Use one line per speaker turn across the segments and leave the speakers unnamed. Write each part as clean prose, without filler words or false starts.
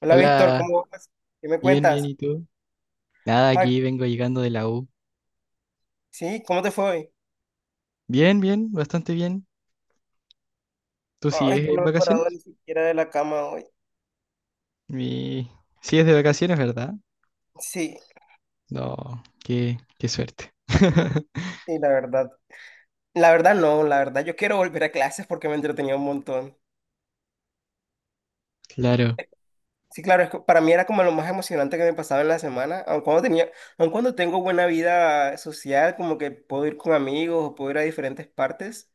Hola Víctor,
Hola,
¿cómo vas? ¿Qué me
bien, bien,
cuentas?
¿y tú? Nada,
Ah,
aquí vengo llegando de la U.
sí, ¿cómo te fue hoy?
Bien, bien, bastante bien. ¿Tú
Ay,
sigues
yo no
en
me he parado
vacaciones?
ni siquiera de la cama hoy.
Mi... Sigues de vacaciones, ¿verdad?
Sí,
No, qué suerte.
y la verdad no, la verdad yo quiero volver a clases porque me entretenía un montón.
Claro,
Sí, claro, es que para mí era como lo más emocionante que me pasaba en la semana, aun cuando tengo buena vida social, como que puedo ir con amigos o puedo ir a diferentes partes,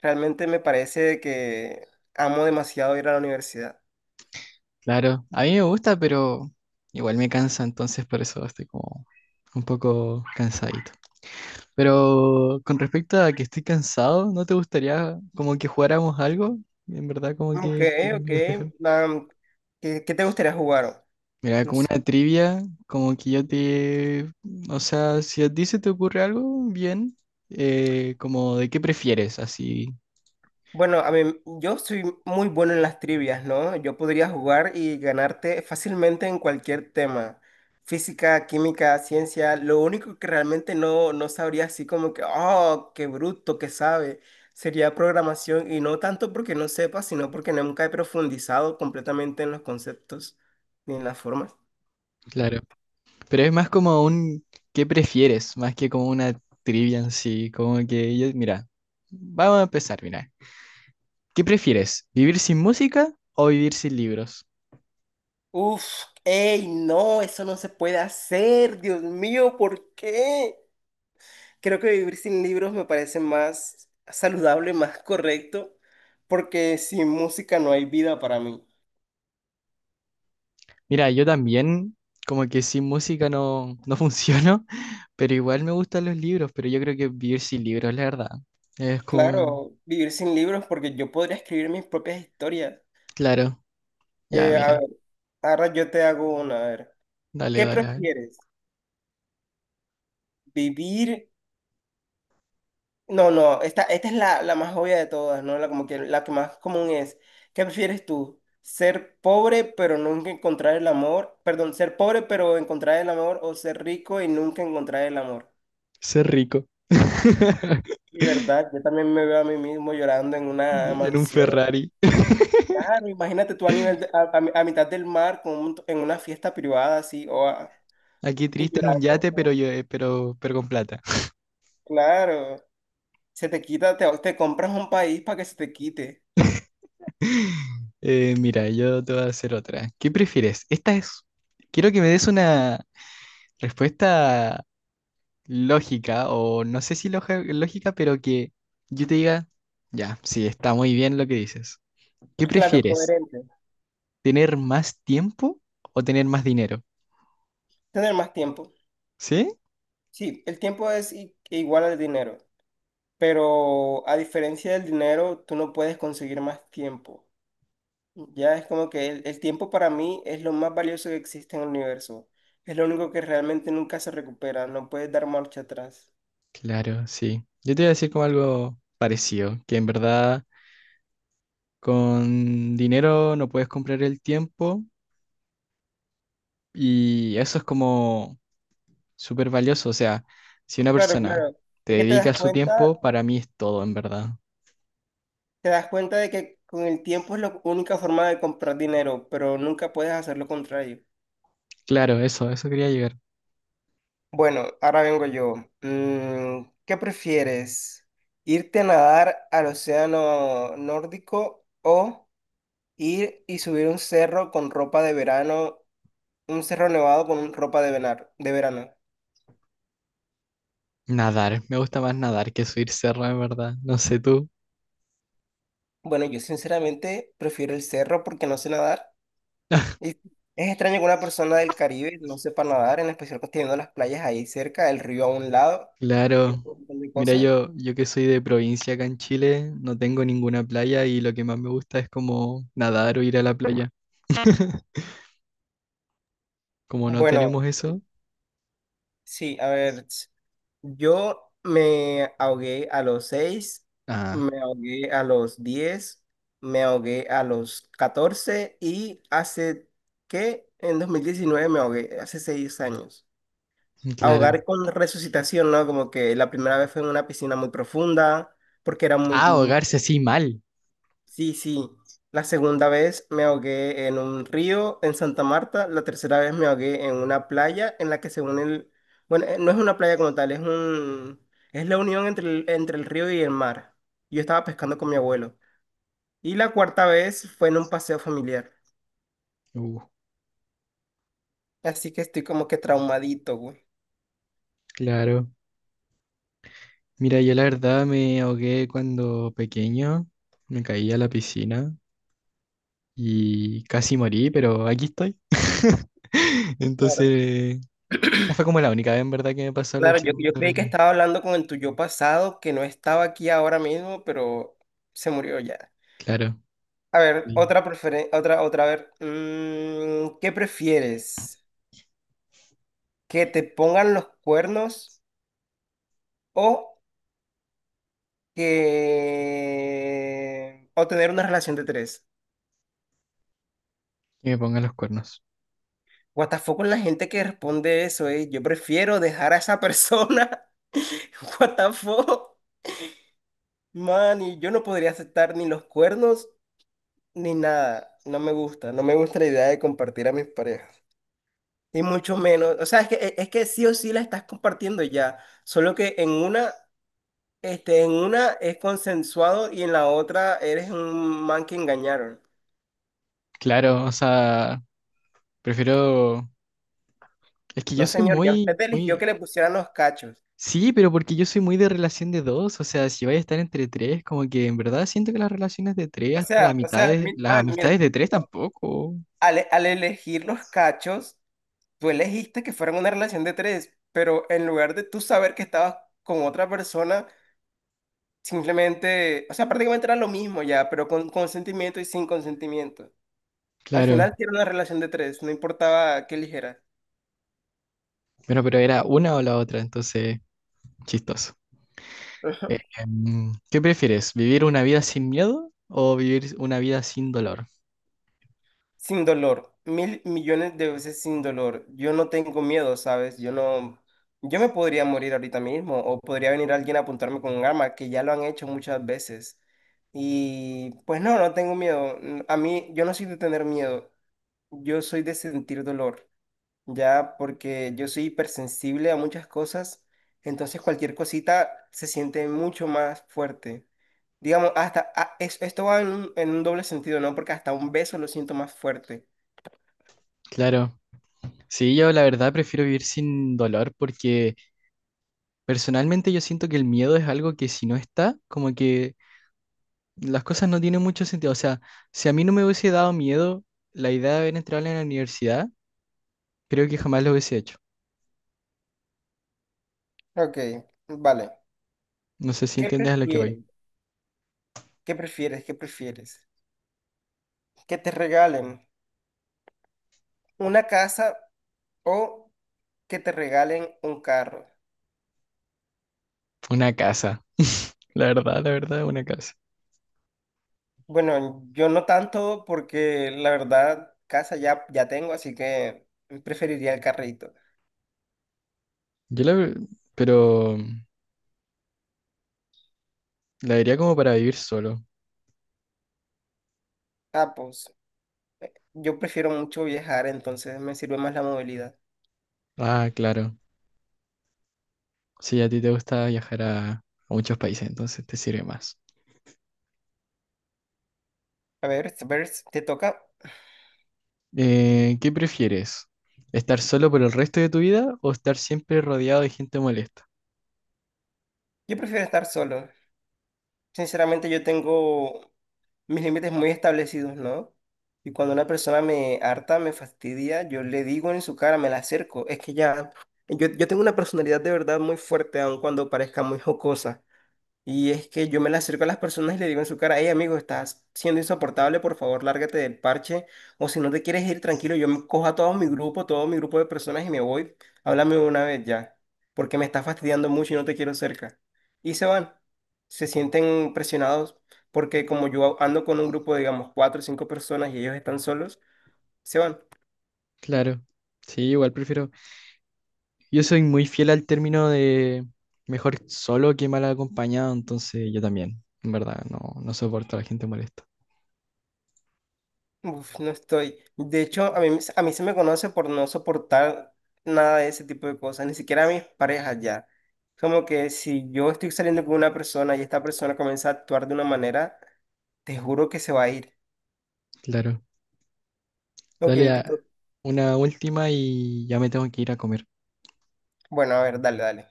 realmente me parece que amo demasiado ir a la universidad.
claro. A mí me gusta, pero igual me cansa, entonces por eso estoy como un poco cansadito. Pero con respecto a que estoy cansado, ¿no te gustaría como que jugáramos algo? En verdad, como
Ok,
que quiero
ok,
despejarme.
am, ¿qué te gustaría jugar?
Mira,
No
como
sé.
una trivia, como que yo te... O sea, si a ti se te ocurre algo, bien, como de qué prefieres, así,
Bueno, yo soy muy bueno en las trivias, ¿no? Yo podría jugar y ganarte fácilmente en cualquier tema. Física, química, ciencia. Lo único que realmente no sabría así como que, oh, qué bruto que sabe, sería programación. Y no tanto porque no sepa, sino porque nunca he profundizado completamente en los conceptos ni en las formas.
claro. Pero es más como un qué prefieres, más que como una trivia en sí, como que yo... Mira, vamos a empezar, mira. ¿Qué prefieres, vivir sin música o vivir sin libros?
Uf, ey, no, eso no se puede hacer. Dios mío, ¿por qué? Creo que vivir sin libros me parece más saludable, más correcto, porque sin música no hay vida para mí.
Mira, yo también como que sin música no funciono, pero igual me gustan los libros, pero yo creo que vivir sin libros, la verdad. Es como...
Claro, vivir sin libros porque yo podría escribir mis propias historias.
Claro. Ya,
A
mira,
ver, ahora yo te hago una, a ver.
dale,
¿Qué
dale, a ver.
prefieres? ¿Vivir? No, no, esta es la más obvia de todas, ¿no? La, como que, la que más común es. ¿Qué prefieres tú? ¿Ser pobre pero nunca encontrar el amor? Perdón, ¿ser pobre pero encontrar el amor o ser rico y nunca encontrar el amor?
Ser rico.
Y verdad, yo también me veo a mí mismo llorando en una
En un
mansión.
Ferrari.
Claro, imagínate tú a nivel de- a mitad del mar con un- en una fiesta privada así o a-
Aquí
y
triste en un
llorando.
yate, pero yo, pero con plata.
Claro, se te quita, te compras un país para que se te quite.
Mira, yo te voy a hacer otra. ¿Qué prefieres? Esta es. Quiero que me des una respuesta lógica, o no sé si lógica, pero que yo te diga, ya, sí, está muy bien lo que dices. ¿Qué
Claro,
prefieres?
coherente.
¿Tener más tiempo o tener más dinero?
Tener más tiempo.
¿Sí?
Sí, el tiempo es i- e igual al dinero, pero a diferencia del dinero, tú no puedes conseguir más tiempo. Ya es como que el tiempo para mí es lo más valioso que existe en el universo. Es lo único que realmente nunca se recupera, no puedes dar marcha atrás.
Claro, sí. Yo te iba a decir como algo parecido, que en verdad con dinero no puedes comprar el tiempo y eso es como súper valioso. O sea, si una
Claro,
persona
claro.
te
Es que
dedica su tiempo, para mí es todo, en verdad.
te das cuenta de que con el tiempo es la única forma de comprar dinero, pero nunca puedes hacer lo contrario.
Claro, eso quería llegar.
Bueno, ahora vengo yo. Mm, ¿qué prefieres? ¿Irte a nadar al océano nórdico o ir y subir un cerro con ropa de verano? Un cerro nevado con un- ropa de venar- de verano.
Nadar, me gusta más nadar que subir cerro, en verdad. No sé tú.
Bueno, yo sinceramente prefiero el cerro porque no sé nadar. Y es extraño que una persona del Caribe no sepa nadar, en especial que teniendo las playas ahí cerca, el río a un lado, y
Claro.
un montón de
Mira,
cosas.
yo que soy de provincia acá en Chile, no tengo ninguna playa y lo que más me gusta es como nadar o ir a la playa. Como no
Bueno,
tenemos eso.
sí, a ver, ts- yo me ahogué a los 6,
Ah,
me ahogué a los 10, me ahogué a los 14 y hace, ¿qué? En 2019 me ahogué, hace 6 años.
claro.
Ahogar con resucitación, ¿no? Como que la primera vez fue en una piscina muy profunda, porque era muy...
Ah,
muy-
ahogarse así mal.
Sí, sí. La segunda vez me ahogué en un río en Santa Marta. La tercera vez me ahogué en una playa en la que según el... Bueno, no es una playa como tal, es un... Es la unión entre el río y el mar. Yo estaba pescando con mi abuelo. Y la cuarta vez fue en un paseo familiar.
Uh,
Así que estoy como que traumadito, güey.
claro. Mira, yo la verdad me ahogué cuando pequeño, me caí a la piscina y casi morí, pero aquí estoy.
Claro.
Entonces, esa fue como la única vez en verdad que me pasó algo
Claro,
así
yo,
muy
yo creí que
terrible.
estaba hablando con el tuyo pasado, que no estaba aquí ahora mismo, pero se murió ya.
Claro,
A ver,
sí.
otra preferencia, otra, otra, a ver. Mm, ¿qué prefieres? ¿Que te pongan los cuernos o que... o tener una relación de tres?
Que me pongan los cuernos.
What the fuck con la gente que responde eso, eh. Yo prefiero dejar a esa persona. What the fuck? Man, y yo no podría aceptar ni los cuernos ni nada. No me gusta. No me gusta la idea de compartir a mis parejas. Y mucho menos. O sea, es que sí o sí la estás compartiendo ya. Solo que en una, este, en una es consensuado y en la otra eres un man que engañaron.
Claro, o sea, prefiero... Es que yo
No,
soy
señor, ya usted
muy,
eligió
muy...
que le pusieran los cachos.
Sí, pero porque yo soy muy de relación de dos, o sea, si vais a estar entre tres, como que en verdad siento que las relaciones de tres hasta la
O
mitad
sea,
de,
mi-
las
man,
amistades
mira,
de tres
no,
tampoco.
al elegir los cachos, tú elegiste que fuera una relación de tres, pero en lugar de tú saber que estabas con otra persona, simplemente, o sea, prácticamente era lo mismo ya, pero con consentimiento y sin consentimiento. Al
Claro.
final sí era una relación de tres, no importaba qué ligera.
Bueno, pero era una o la otra, entonces, chistoso. ¿Qué prefieres? ¿Vivir una vida sin miedo o vivir una vida sin dolor?
Sin dolor, mil millones de veces sin dolor. Yo no tengo miedo, ¿sabes? Yo no, yo me podría morir ahorita mismo o podría venir alguien a apuntarme con un arma, que ya lo han hecho muchas veces. Y pues no, no tengo miedo. A mí, yo no soy de tener miedo, yo soy de sentir dolor. Ya porque yo soy hipersensible a muchas cosas, entonces cualquier cosita se siente mucho más fuerte. Digamos, hasta a- es- esto va en un doble sentido, ¿no? Porque hasta un beso lo siento más fuerte.
Claro. Sí, yo la verdad prefiero vivir sin dolor porque personalmente yo siento que el miedo es algo que si no está, como que las cosas no tienen mucho sentido. O sea, si a mí no me hubiese dado miedo la idea de haber entrado en la universidad, creo que jamás lo hubiese hecho.
Ok, vale.
No sé si
¿Qué
entiendes a lo que voy.
prefieres? ¿Qué prefieres? ¿Qué prefieres? ¿Que te regalen una casa o que te regalen un carro?
Una casa. La verdad, una casa.
Bueno, yo no tanto porque la verdad casa ya, ya tengo, así que preferiría el carrito.
Yo la... ve- Pero la vería como para vivir solo.
Ah, pues, yo prefiero mucho viajar, entonces me sirve más la movilidad.
Ah, claro. Sí, a ti te gusta viajar a muchos países, entonces te sirve más.
A ver, te toca.
¿Qué prefieres? ¿Estar solo por el resto de tu vida o estar siempre rodeado de gente molesta?
Yo prefiero estar solo. Sinceramente, yo tengo mis límites muy establecidos, ¿no? Y cuando una persona me harta, me fastidia, yo le digo en su cara, me la acerco. Es que ya, yo tengo una personalidad de verdad muy fuerte, aun cuando parezca muy jocosa. Y es que yo me le acerco a las personas y le digo en su cara, hey amigo, estás siendo insoportable, por favor, lárgate del parche. O si no te quieres ir, tranquilo, yo me cojo a todo mi grupo de personas y me voy. Háblame una vez ya, porque me está fastidiando mucho y no te quiero cerca. Y se van. Se sienten presionados porque como yo ando con un grupo, digamos, cuatro o cinco personas y ellos están solos, se van.
Claro. Sí, igual prefiero. Yo soy muy fiel al término de mejor solo que mal acompañado, entonces yo también, en verdad, no soporto a la gente molesta.
Uf, no estoy. De hecho, a mí se me conoce por no soportar nada de ese tipo de cosas, ni siquiera a mis parejas ya. Como que si yo estoy saliendo con una persona y esta persona comienza a actuar de una manera, te juro que se va a ir.
Claro.
Ok,
Dale
te
a
to-
una última y ya me tengo que ir a comer.
Bueno, a ver, dale, dale.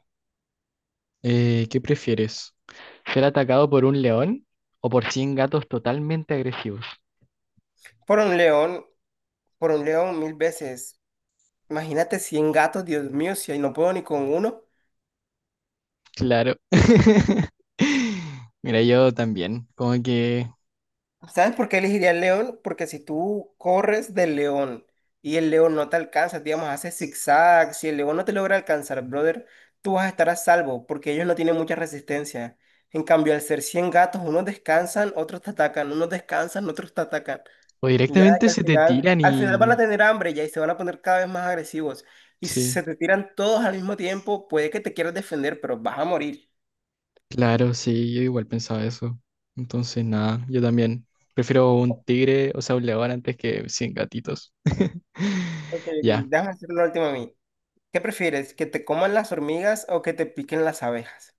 ¿Qué prefieres? ¿Ser atacado por un león o por cien gatos totalmente agresivos?
Por un león, por un león mil veces. Imagínate 100 gatos, Dios mío, si ahí no puedo ni con uno.
Claro. Mira, yo también, como que
¿Sabes por qué elegiría el león? Porque si tú corres del león y el león no te alcanza, digamos, hace zigzag, si el león no te logra alcanzar, brother, tú vas a estar a salvo porque ellos no tienen mucha resistencia. En cambio, al ser 100 gatos, unos descansan, otros te atacan, unos descansan, otros te atacan.
o
Ya
directamente
que
se te tiran
al final van
y
a tener hambre ya y se van a poner cada vez más agresivos. Y si
sí.
se te tiran todos al mismo tiempo, puede que te quieras defender, pero vas a morir.
Claro, sí, yo igual pensaba eso. Entonces, nada, yo también prefiero un tigre, o sea, un león antes que 100 gatitos.
Ok, ok,
Ya,
déjame hacer la última a mí. ¿Qué prefieres? ¿Que te coman las hormigas o que te piquen las abejas?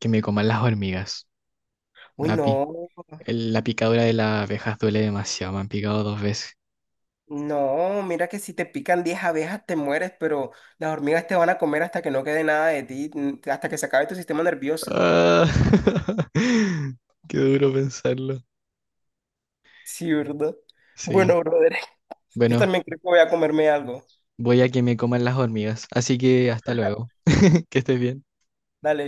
que me coman las hormigas.
Uy,
La, pi-
no,
la picadura de las abejas duele demasiado, me han picado dos veces.
no, mira que si te pican 10 abejas te mueres, pero las hormigas te van a comer hasta que no quede nada de ti, n- hasta que se acabe tu sistema nervioso.
Ah, qué duro pensarlo.
Sí, ¿verdad?
Sí,
Bueno, brother, yo
bueno,
también creo que voy a comerme algo.
voy a que me coman las hormigas, así que hasta luego, que estés bien.
Dale.